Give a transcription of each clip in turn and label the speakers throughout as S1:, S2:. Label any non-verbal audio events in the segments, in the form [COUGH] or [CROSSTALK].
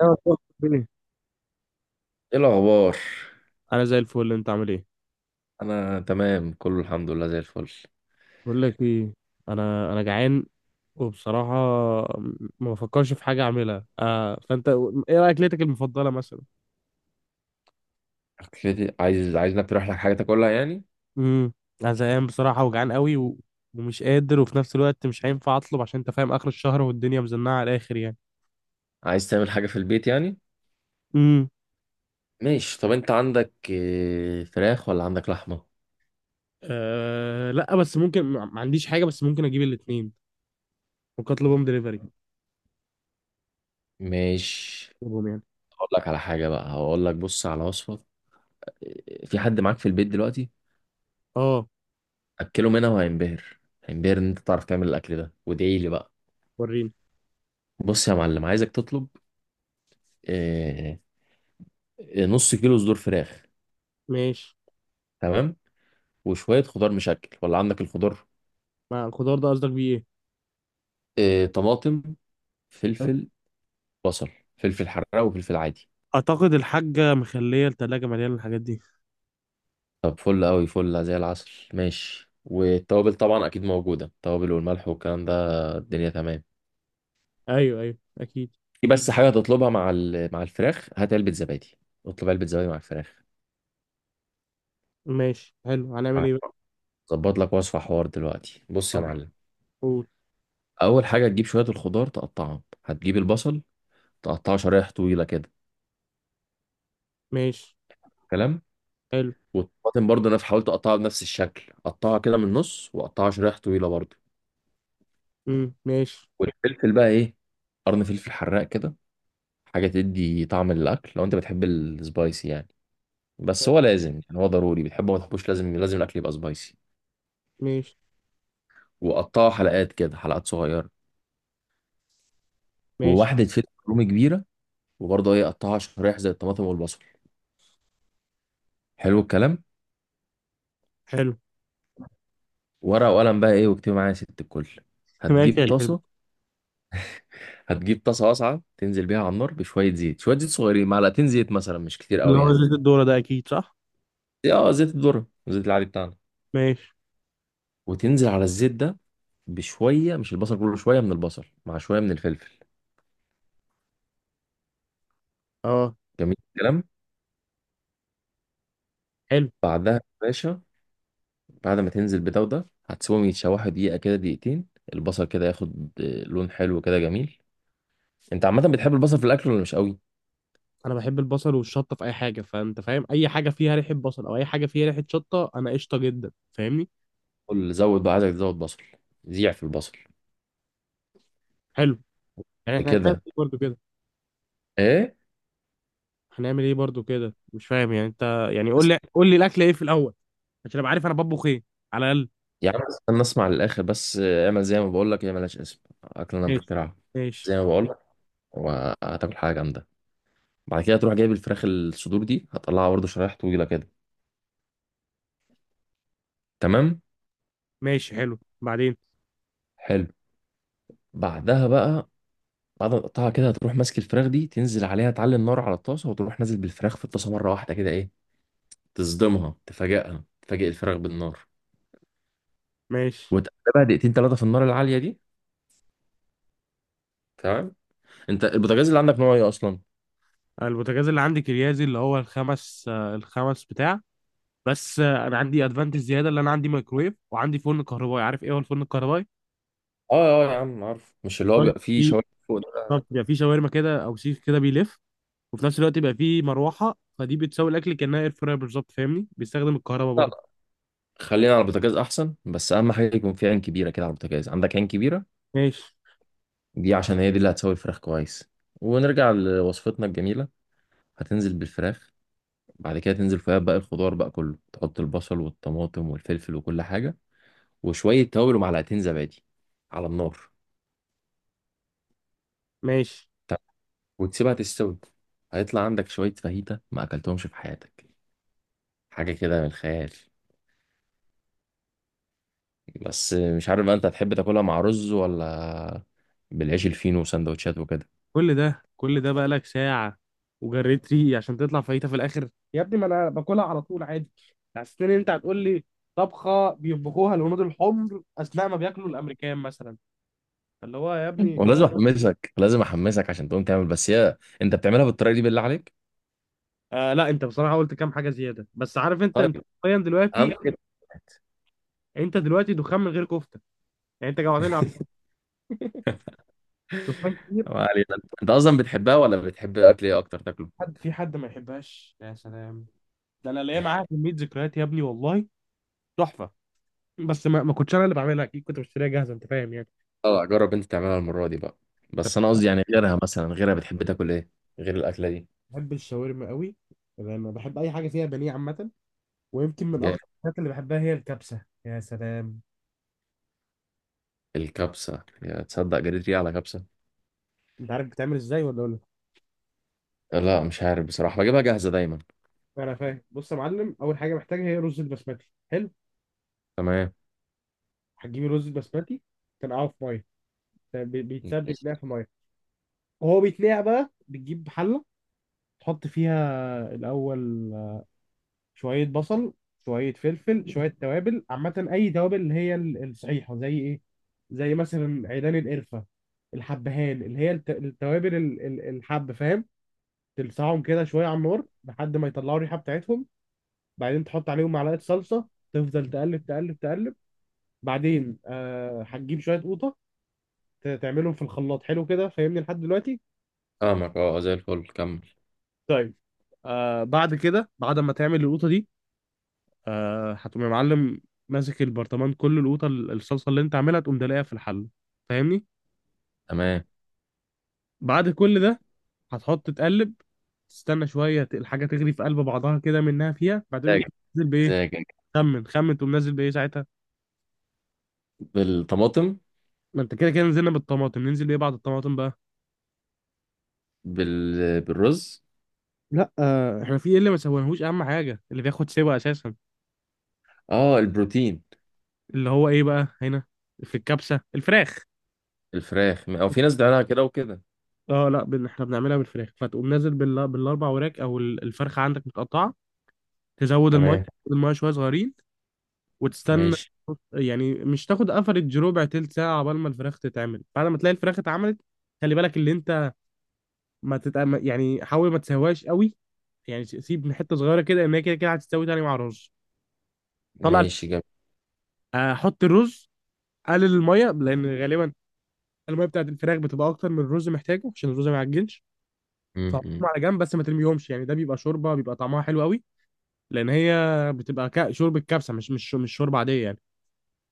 S1: ايوه، طب. إيه؟
S2: ايه الاخبار؟
S1: انا زي الفل. انت عامل ايه؟
S2: انا تمام، كله الحمد لله زي الفل.
S1: بقول لك ايه. انا جعان، وبصراحه ما بفكرش في حاجه اعملها. فانت، ايه رايك؟ اكلتك المفضله مثلا؟
S2: اكلتي؟ عايز انك تروح لك حاجه تاكلها يعني.
S1: امم. انا زهقان بصراحه وجعان قوي ومش قادر، وفي نفس الوقت مش هينفع اطلب، عشان انت فاهم اخر الشهر والدنيا مزنقه على الاخر يعني.
S2: عايز تعمل حاجه في البيت يعني.
S1: امم.
S2: ماشي. طب انت عندك فراخ ولا عندك لحمه؟
S1: لا، بس ممكن، ما عنديش حاجه، بس ممكن اجيب الاثنين. ممكن اطلبهم دليفري،
S2: ماشي،
S1: اطلبهم يعني.
S2: هقول لك على حاجه بقى، هقول لك، بص على وصفه. في حد معاك في البيت دلوقتي؟
S1: اه.
S2: اكله منها وهينبهر، هينبهر ان انت تعرف تعمل الاكل ده، وادعي لي بقى.
S1: وريني.
S2: بص يا معلم، عايزك تطلب آه، نص كيلو صدور فراخ،
S1: ماشي.
S2: تمام، وشويه خضار مشكل، ولا عندك الخضار؟
S1: مع الخضار ده قصدك بيه؟
S2: آه، طماطم،
S1: ايه.
S2: فلفل، بصل، فلفل حراق وفلفل عادي.
S1: اعتقد الحاجة مخلية التلاجة مليانة الحاجات دي.
S2: طب فل قوي، فل زي العسل، ماشي. والتوابل طبعا اكيد موجوده، التوابل والملح والكلام ده، الدنيا تمام.
S1: ايوه، ايوه، اكيد.
S2: في بس حاجه هتطلبها مع الفراخ، هات علبه زبادي، اطلب علبه زبادي مع الفراخ.
S1: ماشي، حلو، هنعمل ايه بقى؟
S2: ظبط لك وصفه حوار دلوقتي، بص يا
S1: تمام.
S2: معلم.
S1: قول.
S2: اول حاجه تجيب شويه الخضار تقطعهم، هتجيب البصل تقطعه شرايح طويله كده،
S1: ماشي.
S2: كلام.
S1: حلو.
S2: والطماطم برضه انا حاولت اقطعها بنفس الشكل، قطعها كده من النص وقطعها شرايح طويله برضه.
S1: امم، ماشي.
S2: والفلفل بقى ايه، قرن فلفل حراق كده، حاجة تدي طعم للأكل لو أنت بتحب السبايسي يعني. بس هو لازم يعني، هو ضروري، بتحبه ما تحبوش، لازم لازم الأكل يبقى سبايسي.
S1: ماشي.
S2: وقطعها حلقات كده، حلقات صغيرة.
S1: ماشي.
S2: وواحدة فلفل رومي كبيرة، وبرضه إيه، قطعها شرايح زي الطماطم والبصل. حلو الكلام.
S1: حلو.
S2: ورقة وقلم بقى إيه، واكتبي معايا يا ست الكل.
S1: [LAUGHS] ماشي
S2: هتجيب
S1: يا حلو.
S2: طاسة، هتجيب طاسة واسعة تنزل بيها على النار بشوية زيت، شوية زيت صغيرين، معلقتين زيت مثلا، مش كتير
S1: اللي
S2: قوي
S1: هو
S2: يعني.
S1: زيت الذرة ده اكيد صح.
S2: اه، زيت الذرة، الزيت العادي بتاعنا.
S1: ماشي.
S2: وتنزل على الزيت ده بشوية، مش البصل كله، شوية من البصل مع شوية من الفلفل.
S1: اه.
S2: جميل الكلام.
S1: حلو.
S2: بعدها يا باشا، بعد ما تنزل بده وده هتسيبهم يتشوحوا دقيقة كده، دقيقتين، البصل كده ياخد لون حلو كده جميل. انت عامة بتحب البصل في الأكل ولا مش قوي؟
S1: انا بحب البصل والشطه في اي حاجه، فانت فاهم اي حاجه فيها ريحه بصل او اي حاجه فيها ريحه شطه انا قشطه جدا، فاهمني.
S2: قول، زود بقى، عايزك تزود بصل، زيع في البصل،
S1: حلو. يعني احنا هنعمل
S2: كده.
S1: ايه برضو كده؟
S2: ايه؟
S1: هنعمل ايه برضو كده؟ مش فاهم يعني انت. يعني قول
S2: بس-
S1: لي قول لي الاكل ايه في الاول، عشان ابقى عارف انا بطبخ ايه على الاقل.
S2: يا عم استنى اسمع للآخر بس، اعمل زي ما بقول لك، هي ملهاش اسم، أكلنا
S1: ماشي.
S2: مخترعة.
S1: ماشي.
S2: زي ما بقول لك، وهتاكل حاجة جامدة. بعد كده تروح جايب الفراخ، الصدور دي هتطلعها برضه شرايح طويلة كده، تمام؟
S1: ماشي، حلو، بعدين؟
S2: حلو. بعدها بقى، بعد ما تقطعها كده، هتروح ماسك الفراخ دي، تنزل عليها، تعلي النار على الطاسه، وتروح نازل بالفراخ في الطاسه مره واحده كده، ايه، تصدمها، تفاجئها، تفاجئ الفراخ بالنار.
S1: ماشي.
S2: وتقلبها دقيقتين ثلاثه في النار العاليه دي، تمام. انت البوتاجاز اللي عندك نوع ايه اصلا؟
S1: البوتاجاز اللي عندي كريازي، اللي هو الخمس بتاع. بس انا عندي ادفانتج زياده، اللي انا عندي مايكرويف وعندي فرن كهربائي. عارف ايه هو الفرن الكهربائي؟
S2: اه. اه يا عم عارف، مش اللي هو
S1: طيب،
S2: بيبقى فيه
S1: في.
S2: شوايه فوق ده.
S1: طب يبقى في شاورما كده او سيخ كده بيلف، وفي نفس الوقت يبقى في مروحه، فدي بتساوي الاكل كانها اير فراير بالظبط، فاهمني؟ بيستخدم الكهرباء
S2: لا،
S1: برضه.
S2: لا، خلينا على البوتاجاز احسن، بس اهم حاجه يكون في عين كبيره كده على البوتاجاز، عندك عين كبيره؟
S1: ماشي.
S2: دي عشان هي دي اللي هتسوي الفراخ كويس. ونرجع لوصفتنا الجميله. هتنزل بالفراخ، بعد كده تنزل فيها باقي الخضار بقى كله، تحط البصل والطماطم والفلفل وكل حاجة، وشوية توابل ومعلقتين زبادي على النار.
S1: ماشي.
S2: طب. وتسيبها تستوي، هيطلع عندك شوية فاهيتا ما أكلتهمش في حياتك، حاجة كده من الخيال. بس مش عارف بقى أنت هتحب تاكلها مع رز ولا بالعيش الفينو وسندوتشات وكده.
S1: كل ده كل ده بقى لك ساعة، وجريت ريقي عشان تطلع فايتة في الآخر يا ابني، ما انا باكلها على طول عادي. حسيت ان انت هتقول لي طبخه بيطبخوها الهنود الحمر اثناء ما بياكلوا الامريكان مثلا، فاللي هو يا
S2: [LAUGHS]
S1: ابني.
S2: ولازم أحمسك، لازم أحمسك عشان تقوم تعمل. بس هي أنت بتعملها بالطريقة دي بالله عليك؟
S1: لا، انت بصراحه قلت كام حاجه زياده، بس عارف انت.
S2: طيب،
S1: حرفيا
S2: أهم
S1: دلوقتي،
S2: كده،
S1: انت دلوقتي دخان من غير كفته. يعني انت جوعتني على دخان كتير.
S2: ما علينا. أنت أصلا بتحبها ولا بتحب أكل إيه أكتر تاكله؟
S1: حد، في حد ما يحبهاش؟ يا سلام، ده انا ليا معاها كميه ذكريات يا ابني والله، تحفه. بس ما كنتش انا اللي بعملها، اكيد كنت بشتريها جاهزه، انت فاهم يعني.
S2: اه، جرب انت تعملها المرة دي بقى. بس انا قصدي يعني، غيرها مثلا، غيرها بتحب تاكل ايه، غير الاكلة دي؟
S1: بحب الشاورما قوي. انا بحب اي حاجه فيها بانيه عامه. ويمكن من
S2: جاي،
S1: اكتر الحاجات اللي بحبها هي الكبسه، يا سلام.
S2: الكبسة، يا تصدق جريت ريقي على كبسة.
S1: انت عارف بتعمل ازاي، ولا اقول لك؟
S2: لا، مش عارف بصراحة، بجيبها جاهزة دايما.
S1: انا فاهم. بص يا معلم، اول حاجه محتاجها هي رز البسمتي، حلو.
S2: تمام،
S1: هتجيب الرز البسمتي، تنقعه في ميه. بيتساب بيتنقع في ميه. وهو بيتنقع بقى، بتجيب حله، تحط فيها الاول شويه بصل، شويه فلفل، شويه توابل عامه، اي توابل اللي هي الصحيحه، زي ايه؟ زي مثلا عيدان القرفه، الحبهان، اللي هي التوابل الحب، فاهم؟ تلسعهم كده شويه على النار لحد ما يطلعوا الريحه بتاعتهم. بعدين تحط عليهم معلقه صلصه، تفضل تقلب تقلب تقلب. بعدين هتجيب شويه قوطه، تعملهم في الخلاط، حلو كده، فاهمني لحد دلوقتي؟
S2: فاهمك، اه زي الفل، كمل.
S1: طيب. بعد كده، بعد ما تعمل القوطه دي، هتقوم يا معلم ماسك البرطمان كله، القوطه الصلصه اللي انت عاملها، تقوم دلقها في الحله، فاهمني؟
S2: تمام.
S1: بعد كل ده هتحط تقلب، تستنى شويه الحاجه تغلي في قلب بعضها كده منها فيها. بعدين
S2: مزاجك،
S1: تقوم نازل بايه؟
S2: مزاجك.
S1: خمن خمن، تقوم نازل بايه ساعتها؟
S2: بالطماطم.
S1: ما انت كده كده نزلنا بالطماطم، ننزل بايه بعد الطماطم بقى؟
S2: بالرز.
S1: لا، احنا في ايه اللي ما سويناهوش؟ اهم حاجه اللي بياخد سوا اساسا،
S2: اه، البروتين.
S1: اللي هو ايه بقى هنا في الكبسه؟ الفراخ.
S2: الفراخ، او في ناس بتعملها كده وكده.
S1: اه لا، احنا بنعملها بالفراخ، فتقوم نازل بالاربع وراك، او الفرخه عندك متقطعه. تزود الميه.
S2: تمام،
S1: تزود الميه شويه صغيرين، وتستنى.
S2: ماشي.
S1: يعني مش تاخد افريج، ربع تلت ساعه عقبال ما الفراخ تتعمل. بعد ما تلاقي الفراخ اتعملت، خلي بالك اللي انت. ما تت... يعني حاول ما تسويهاش قوي، يعني سيب حته صغيره كده، ان هي كده كده هتستوي تاني مع الرز. طلع الف-
S2: ماشي، جميل.
S1: حط الرز، قلل الميه، لان غالبا الميه بتاعت الفراخ بتبقى اكتر من الرز محتاجه، عشان الرز ما يعجنش.
S2: م-
S1: فحطهم
S2: م.
S1: على جنب بس، ما ترميهمش، يعني ده بيبقى شوربه، بيبقى طعمها حلو قوي. لان هي بتبقى شوربه كبسه، مش شوربه عاديه يعني.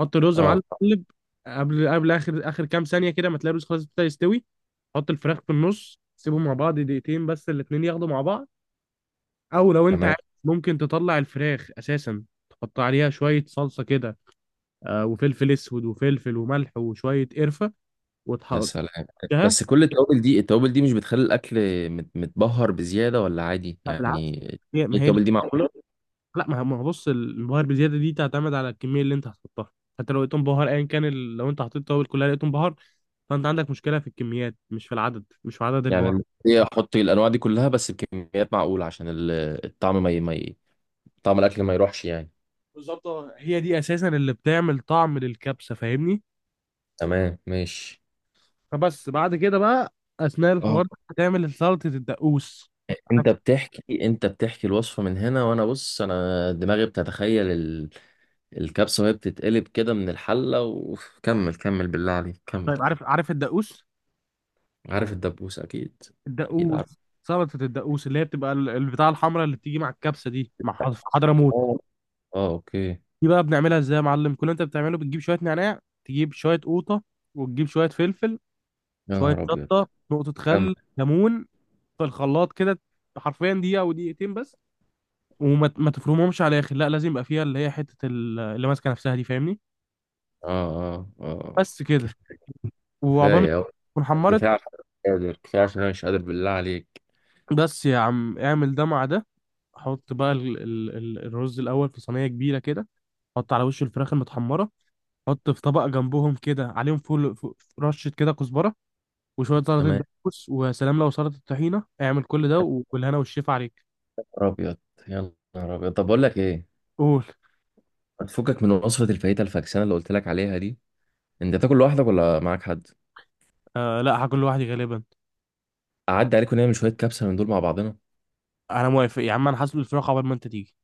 S1: حط الرز يا
S2: اه،
S1: معلم، قلب. قبل اخر كام ثانيه كده، ما تلاقي الرز خلاص ابتدى يستوي، حط الفراخ في النص، سيبهم مع بعض دقيقتين بس، الاتنين ياخدوا مع بعض. او لو انت
S2: تمام.
S1: عايز، ممكن تطلع الفراخ اساسا، تحط عليها شويه صلصه كده، وفلفل اسود وفلفل وملح وشويه قرفه،
S2: يا
S1: وتحطها.
S2: سلام، بس كل التوابل دي مش بتخلي الاكل متبهر بزياده، ولا عادي يعني؟
S1: بالعكس،
S2: إيه
S1: ما هي دي.
S2: التوابل دي، معقوله؟
S1: لا، ما هو بص، البهار بزياده دي تعتمد على الكميه اللي انت هتحطها. حتى لو لقيتهم بهار، ايا كان لو انت حطيت توابل كلها لقيتهم بهار. فانت عندك مشكله في الكميات، مش في العدد، مش في عدد البهار.
S2: يعني هي احط الانواع دي كلها، بس بكميات معقوله، عشان الطعم ما ي... ما ي... طعم الاكل ما يروحش يعني.
S1: بالظبط. هي دي اساسا اللي بتعمل طعم للكبسه، فاهمني؟
S2: تمام، ماشي.
S1: فبس. بعد كده بقى، اثناء
S2: اه،
S1: الحوار ده هتعمل سلطه الدقوس. عارف.
S2: انت بتحكي الوصفه من هنا، وانا بص، انا دماغي بتتخيل الكبسه وهي بتتقلب كده من الحله، وكمل. [LAUGHS] كمل بالله عليك، كمل.
S1: طيب، عارف عارف الدقوس؟
S2: عارف الدبوس، اكيد. اكيد عارف.
S1: الدقوس. سلطه الدقوس اللي هي بتبقى البتاع الحمراء اللي بتيجي مع الكبسه دي، مع في حضرموت.
S2: اه، اوكي.
S1: دي بقى بنعملها ازاي يا معلم؟ كل اللي انت بتعمله، بتجيب شويه نعناع، تجيب شويه قوطه، وتجيب شويه فلفل،
S2: يا
S1: شويه
S2: نهار أبيض.
S1: شطه، نقطه
S2: كمل.
S1: خل، ليمون، في الخلاط كده حرفيا دقيقه او دقيقتين بس. وما ما تفرمهمش على الاخر، لا، لازم يبقى فيها اللي هي حته اللي ماسكه نفسها دي، فاهمني؟
S2: آه، آه، آه.
S1: بس
S2: كف-
S1: كده. وعقبال
S2: كفاية
S1: ما
S2: أوي،
S1: تكون حمرت،
S2: كفاية عشان أنا مش قادر بالله عليك.
S1: بس يا عم، اعمل ده مع ده. حط بقى ال الرز الاول في صينيه كبيره كده، حط على وش الفراخ المتحمره، حط في طبق جنبهم كده عليهم فول، رشه كده كزبره، وشويه سلطه
S2: تمام.
S1: دقوس، ويا سلام لو سلطه طحينه. اعمل كل ده
S2: يا
S1: والهنا والشيف عليك.
S2: نهار أبيض، يا نهار أبيض. طب بقول لك إيه،
S1: قول.
S2: ما تفكك من وصفة الفاهيتا الفاكسانة اللي قلت لك عليها دي. أنت بتاكل لوحدك ولا معاك حد؟
S1: لا، هاكل لوحدي غالبا.
S2: أعدي عليك ونعمل شوية كبسة من دول مع بعضنا.
S1: انا موافق يا عم، انا هسلق الفراخ عقبال ما انت تيجي.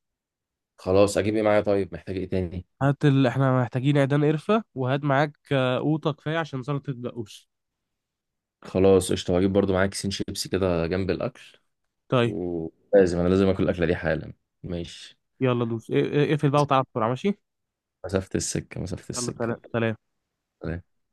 S2: خلاص، أجيب إيه معايا؟ طيب محتاج إيه تاني؟
S1: هات احنا محتاجين عيدان قرفة، وهات معاك قوطة كفاية عشان سلطة الدقوس.
S2: خلاص، قشطة، وأجيب برضو معايا كيسين شيبسي كده جنب الأكل.
S1: طيب.
S2: ولازم أنا لازم آكل الأكلة دي حالا. ماشي.
S1: يلا دوس، اقفل بقى وتعالى بسرعة، ماشي.
S2: مسافة السكة، مسافة
S1: يلا،
S2: السكة.
S1: سلام سلام.